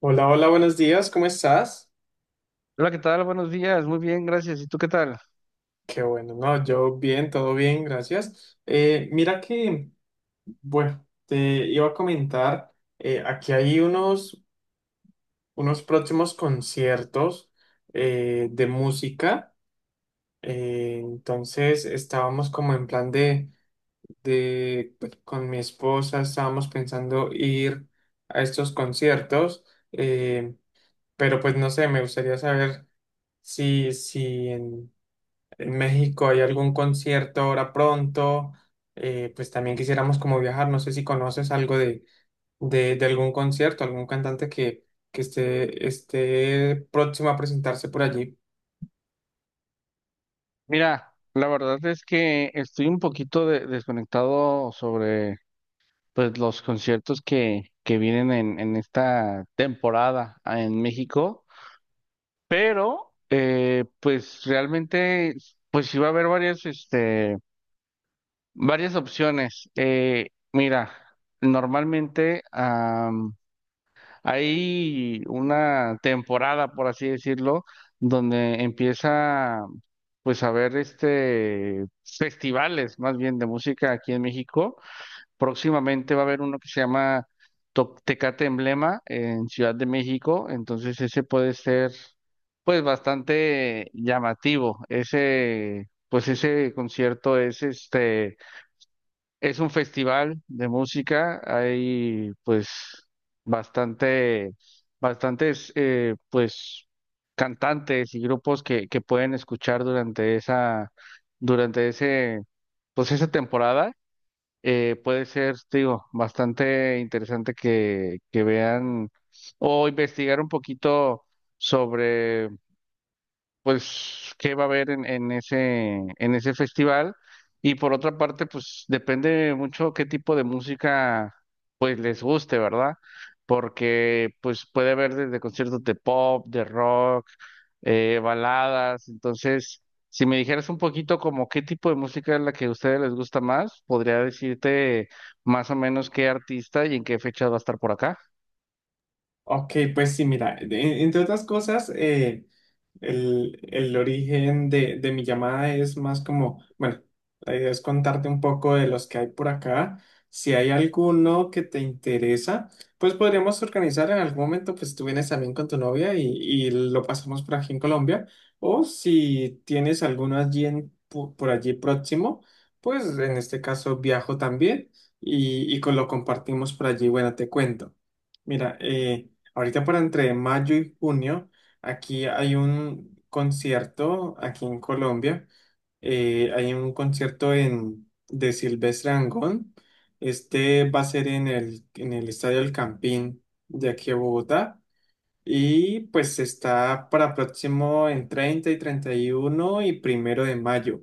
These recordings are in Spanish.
Hola, hola, buenos días, ¿cómo estás? Hola, ¿qué tal? Buenos días. Muy bien, gracias. ¿Y tú qué tal? Qué bueno, no, yo bien, todo bien, gracias. Mira que, bueno, te iba a comentar, aquí hay unos próximos conciertos de música, entonces estábamos como en plan de, pues, con mi esposa estábamos pensando ir a estos conciertos, eh, pero pues no sé, me gustaría saber si en México hay algún concierto ahora pronto. Pues también quisiéramos como viajar, no sé si conoces algo de, de algún concierto, algún cantante que esté próximo a presentarse por allí. Mira, la verdad es que estoy un poquito desconectado sobre pues los conciertos que vienen en esta temporada en México, pero pues realmente pues sí va a haber varias opciones. Mira, normalmente hay una temporada, por así decirlo, donde empieza pues a ver este festivales más bien de música aquí en México. Próximamente va a haber uno que se llama Tecate Emblema en Ciudad de México, entonces ese puede ser pues bastante llamativo. Ese pues ese concierto es un festival de música, hay pues bastante, bastantes pues cantantes y grupos que pueden escuchar durante esa, durante ese, pues esa temporada. Puede ser, te digo, bastante interesante que vean o investigar un poquito sobre pues qué va a haber en ese, en ese festival. Y por otra parte, pues depende mucho qué tipo de música pues les guste, ¿verdad? Porque pues puede haber desde conciertos de pop, de rock, baladas. Entonces, si me dijeras un poquito como qué tipo de música es la que a ustedes les gusta más, podría decirte más o menos qué artista y en qué fecha va a estar por acá. Ok, pues sí, mira, entre otras cosas. El origen de mi llamada es más como, bueno, la idea es contarte un poco de los que hay por acá. Si hay alguno que te interesa, pues podríamos organizar en algún momento, pues tú vienes también con tu novia y lo pasamos por aquí en Colombia. O si tienes alguno por allí próximo, pues en este caso viajo también y lo compartimos por allí. Bueno, te cuento. Mira, ahorita por entre mayo y junio, aquí hay un concierto, aquí en Colombia, hay un concierto de Silvestre Dangond. Este va a ser en el Estadio El Campín de aquí a Bogotá. Y pues está para próximo en 30 y 31 y primero de mayo.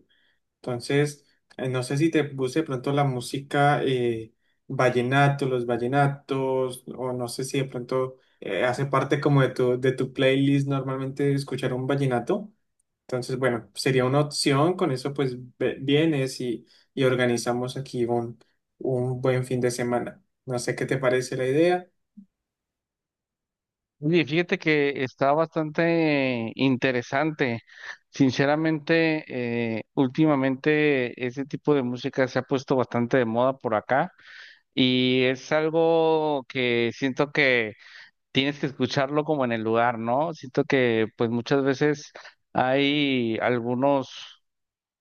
Entonces, no sé si te puse de pronto la música vallenato, los vallenatos, o no sé si de pronto hace parte como de tu playlist normalmente escuchar un vallenato. Entonces, bueno, sería una opción, con eso pues vienes y organizamos aquí un buen fin de semana. No sé qué te parece la idea. Oye, fíjate que está bastante interesante. Sinceramente, últimamente ese tipo de música se ha puesto bastante de moda por acá y es algo que siento que tienes que escucharlo como en el lugar, ¿no? Siento que pues muchas veces hay algunos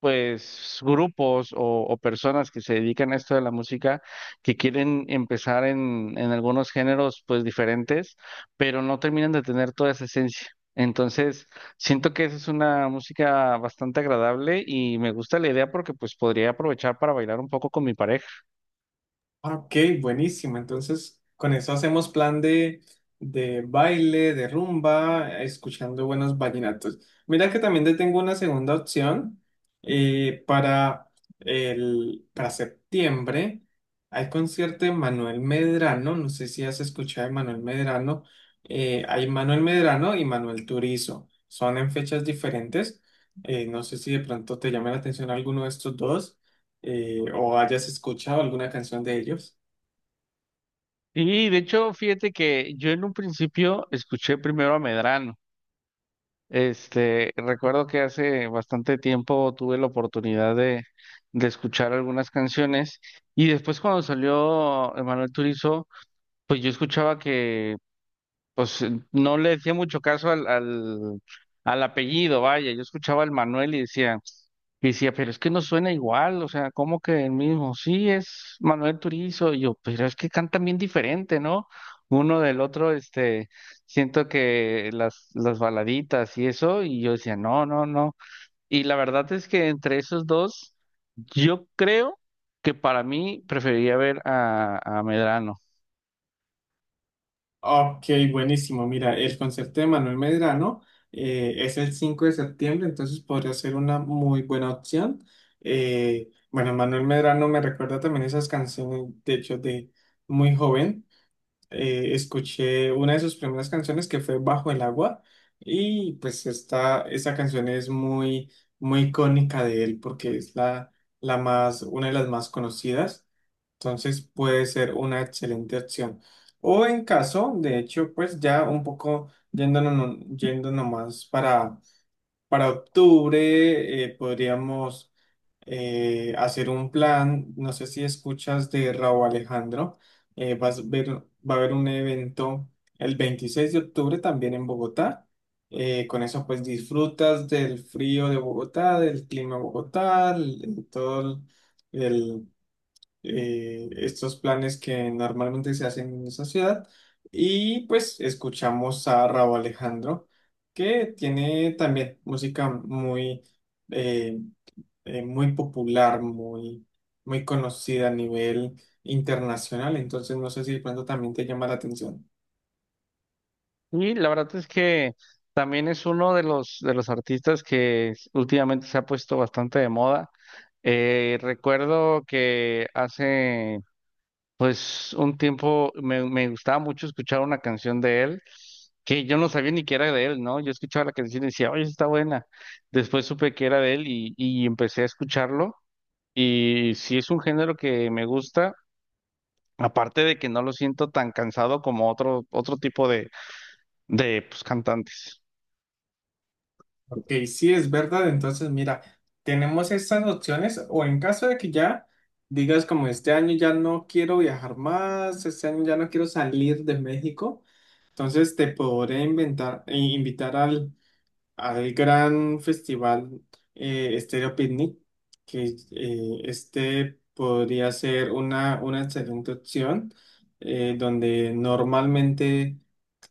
pues grupos o personas que se dedican a esto de la música que quieren empezar en algunos géneros pues diferentes, pero no terminan de tener toda esa esencia. Entonces, siento que esa es una música bastante agradable y me gusta la idea porque pues podría aprovechar para bailar un poco con mi pareja. Ah, Ok, buenísimo. Entonces, con eso hacemos plan de baile, de rumba, escuchando buenos vallenatos. Mira que también te tengo una segunda opción eh, para, para septiembre. Hay concierto de Manuel Medrano, no sé si has escuchado de Manuel Medrano. Hay Manuel Medrano y Manuel Turizo. Son en fechas diferentes. No sé si de pronto te llama la atención alguno de estos dos. O hayas escuchado alguna canción de ellos. Y de hecho, fíjate que yo en un principio escuché primero a Medrano. Este, recuerdo que hace bastante tiempo tuve la oportunidad de escuchar algunas canciones y después cuando salió Emanuel Turizo, pues yo escuchaba que pues no le decía mucho caso al apellido, vaya, yo escuchaba el Manuel y decía, pero es que no suena igual, o sea, como que el mismo, sí, es Manuel Turizo, y yo, pero es que cantan bien diferente, ¿no? Uno del otro, este, siento que las baladitas y eso, y yo decía, no, no, no. Y la verdad es que entre esos dos, yo creo que para mí preferiría ver a Medrano. Ok, buenísimo. Mira, el concierto de Manuel Medrano es el 5 de septiembre, entonces podría ser una muy buena opción. Bueno, Manuel Medrano me recuerda también esas canciones, de hecho, de muy joven. Escuché una de sus primeras canciones que fue Bajo el agua y pues esta canción es muy, muy icónica de él porque es una de las más conocidas. Entonces puede ser una excelente opción. O en caso, de hecho, pues ya un poco yendo nomás para octubre. Podríamos hacer un plan, no sé si escuchas de Raúl Alejandro. eh, vas a ver, va a haber un evento el 26 de octubre también en Bogotá. Con eso pues disfrutas del frío de Bogotá, del clima de Bogotá. El- todo el, estos planes que normalmente se hacen en esa ciudad. Y pues escuchamos a Raúl Alejandro, que tiene también música eh, muy popular, muy conocida a nivel internacional. Entonces no sé si de pronto también te llama la atención. Y la verdad es que también es uno de los artistas que últimamente se ha puesto bastante de moda. Recuerdo que hace pues un tiempo me gustaba mucho escuchar una canción de él que yo no sabía ni que era de él, ¿no? Yo escuchaba la canción y decía, oye, está buena. Después supe que era de él y empecé a escucharlo y sí es un género que me gusta, aparte de que no lo siento tan cansado como otro, otro tipo de pues, cantantes. Ok, sí es verdad, entonces mira, tenemos estas opciones o en caso de que ya digas como este año ya no quiero viajar más, este año ya no quiero salir de México, entonces te podré invitar al gran festival Stereo Picnic, que este podría ser una excelente opción. Donde normalmente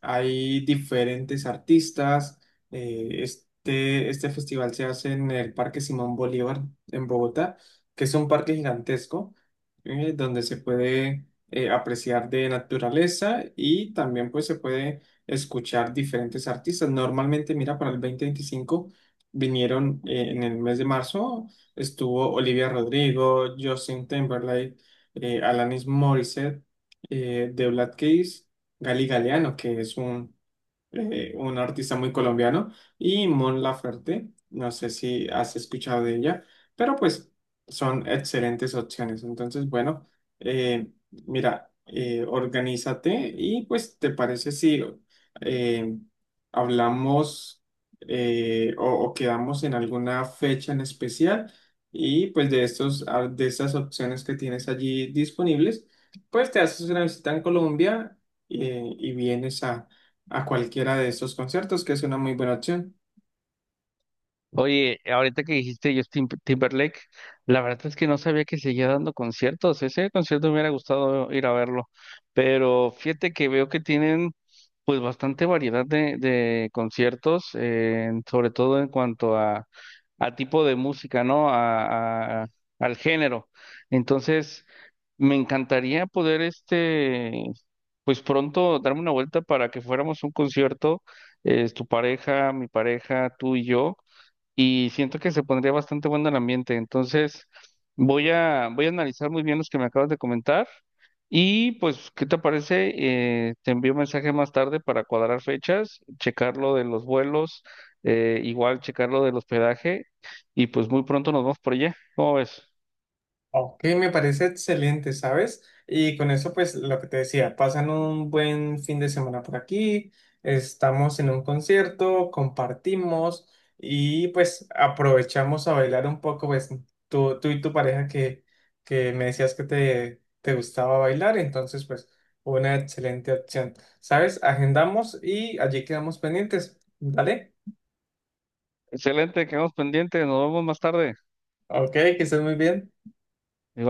hay diferentes artistas. Este festival se hace en el Parque Simón Bolívar en Bogotá, que es un parque gigantesco, donde se puede apreciar de naturaleza y también pues se puede escuchar diferentes artistas. Normalmente, mira, para el 2025 vinieron, en el mes de marzo, estuvo Olivia Rodrigo, Justin Timberlake, Alanis Morissette, The Black Keys, Gali Galeano, que es un artista muy colombiano, y Mon Laferte, no sé si has escuchado de ella, pero pues son excelentes opciones. Entonces, bueno, eh, mira, organízate y pues, ¿te parece si eh, hablamos, o quedamos en alguna fecha en especial? Y pues de estas opciones que tienes allí disponibles, pues te haces una visita en Colombia y vienes a cualquiera de estos conciertos, que es una muy buena opción. Oye, ahorita que dijiste Justin Timberlake, la verdad es que no sabía que seguía dando conciertos. Ese concierto me hubiera gustado ir a verlo, pero fíjate que veo que tienen pues bastante variedad de conciertos, sobre todo en cuanto a, tipo de música, ¿no? A, al género. Entonces, me encantaría poder este, pues pronto darme una vuelta para que fuéramos a un concierto, tu pareja, mi pareja, tú y yo y siento que se pondría bastante bueno el ambiente. Entonces, voy a analizar muy bien los que me acabas de comentar y pues, ¿qué te parece? Te envío un mensaje más tarde para cuadrar fechas, checar lo de los vuelos, igual checar lo del hospedaje y pues muy pronto nos vemos por allá. ¿Cómo ves? Ok, me parece excelente, ¿sabes? Y con eso, pues lo que te decía, pasan un buen fin de semana por aquí, estamos en un concierto, compartimos y pues aprovechamos a bailar un poco, pues tú y tu pareja que me decías que te gustaba bailar, entonces pues una excelente opción, ¿sabes? Agendamos y allí quedamos pendientes, ¿vale? Excelente, quedamos pendientes, nos vemos más tarde. Ok, que estés muy bien. Igual.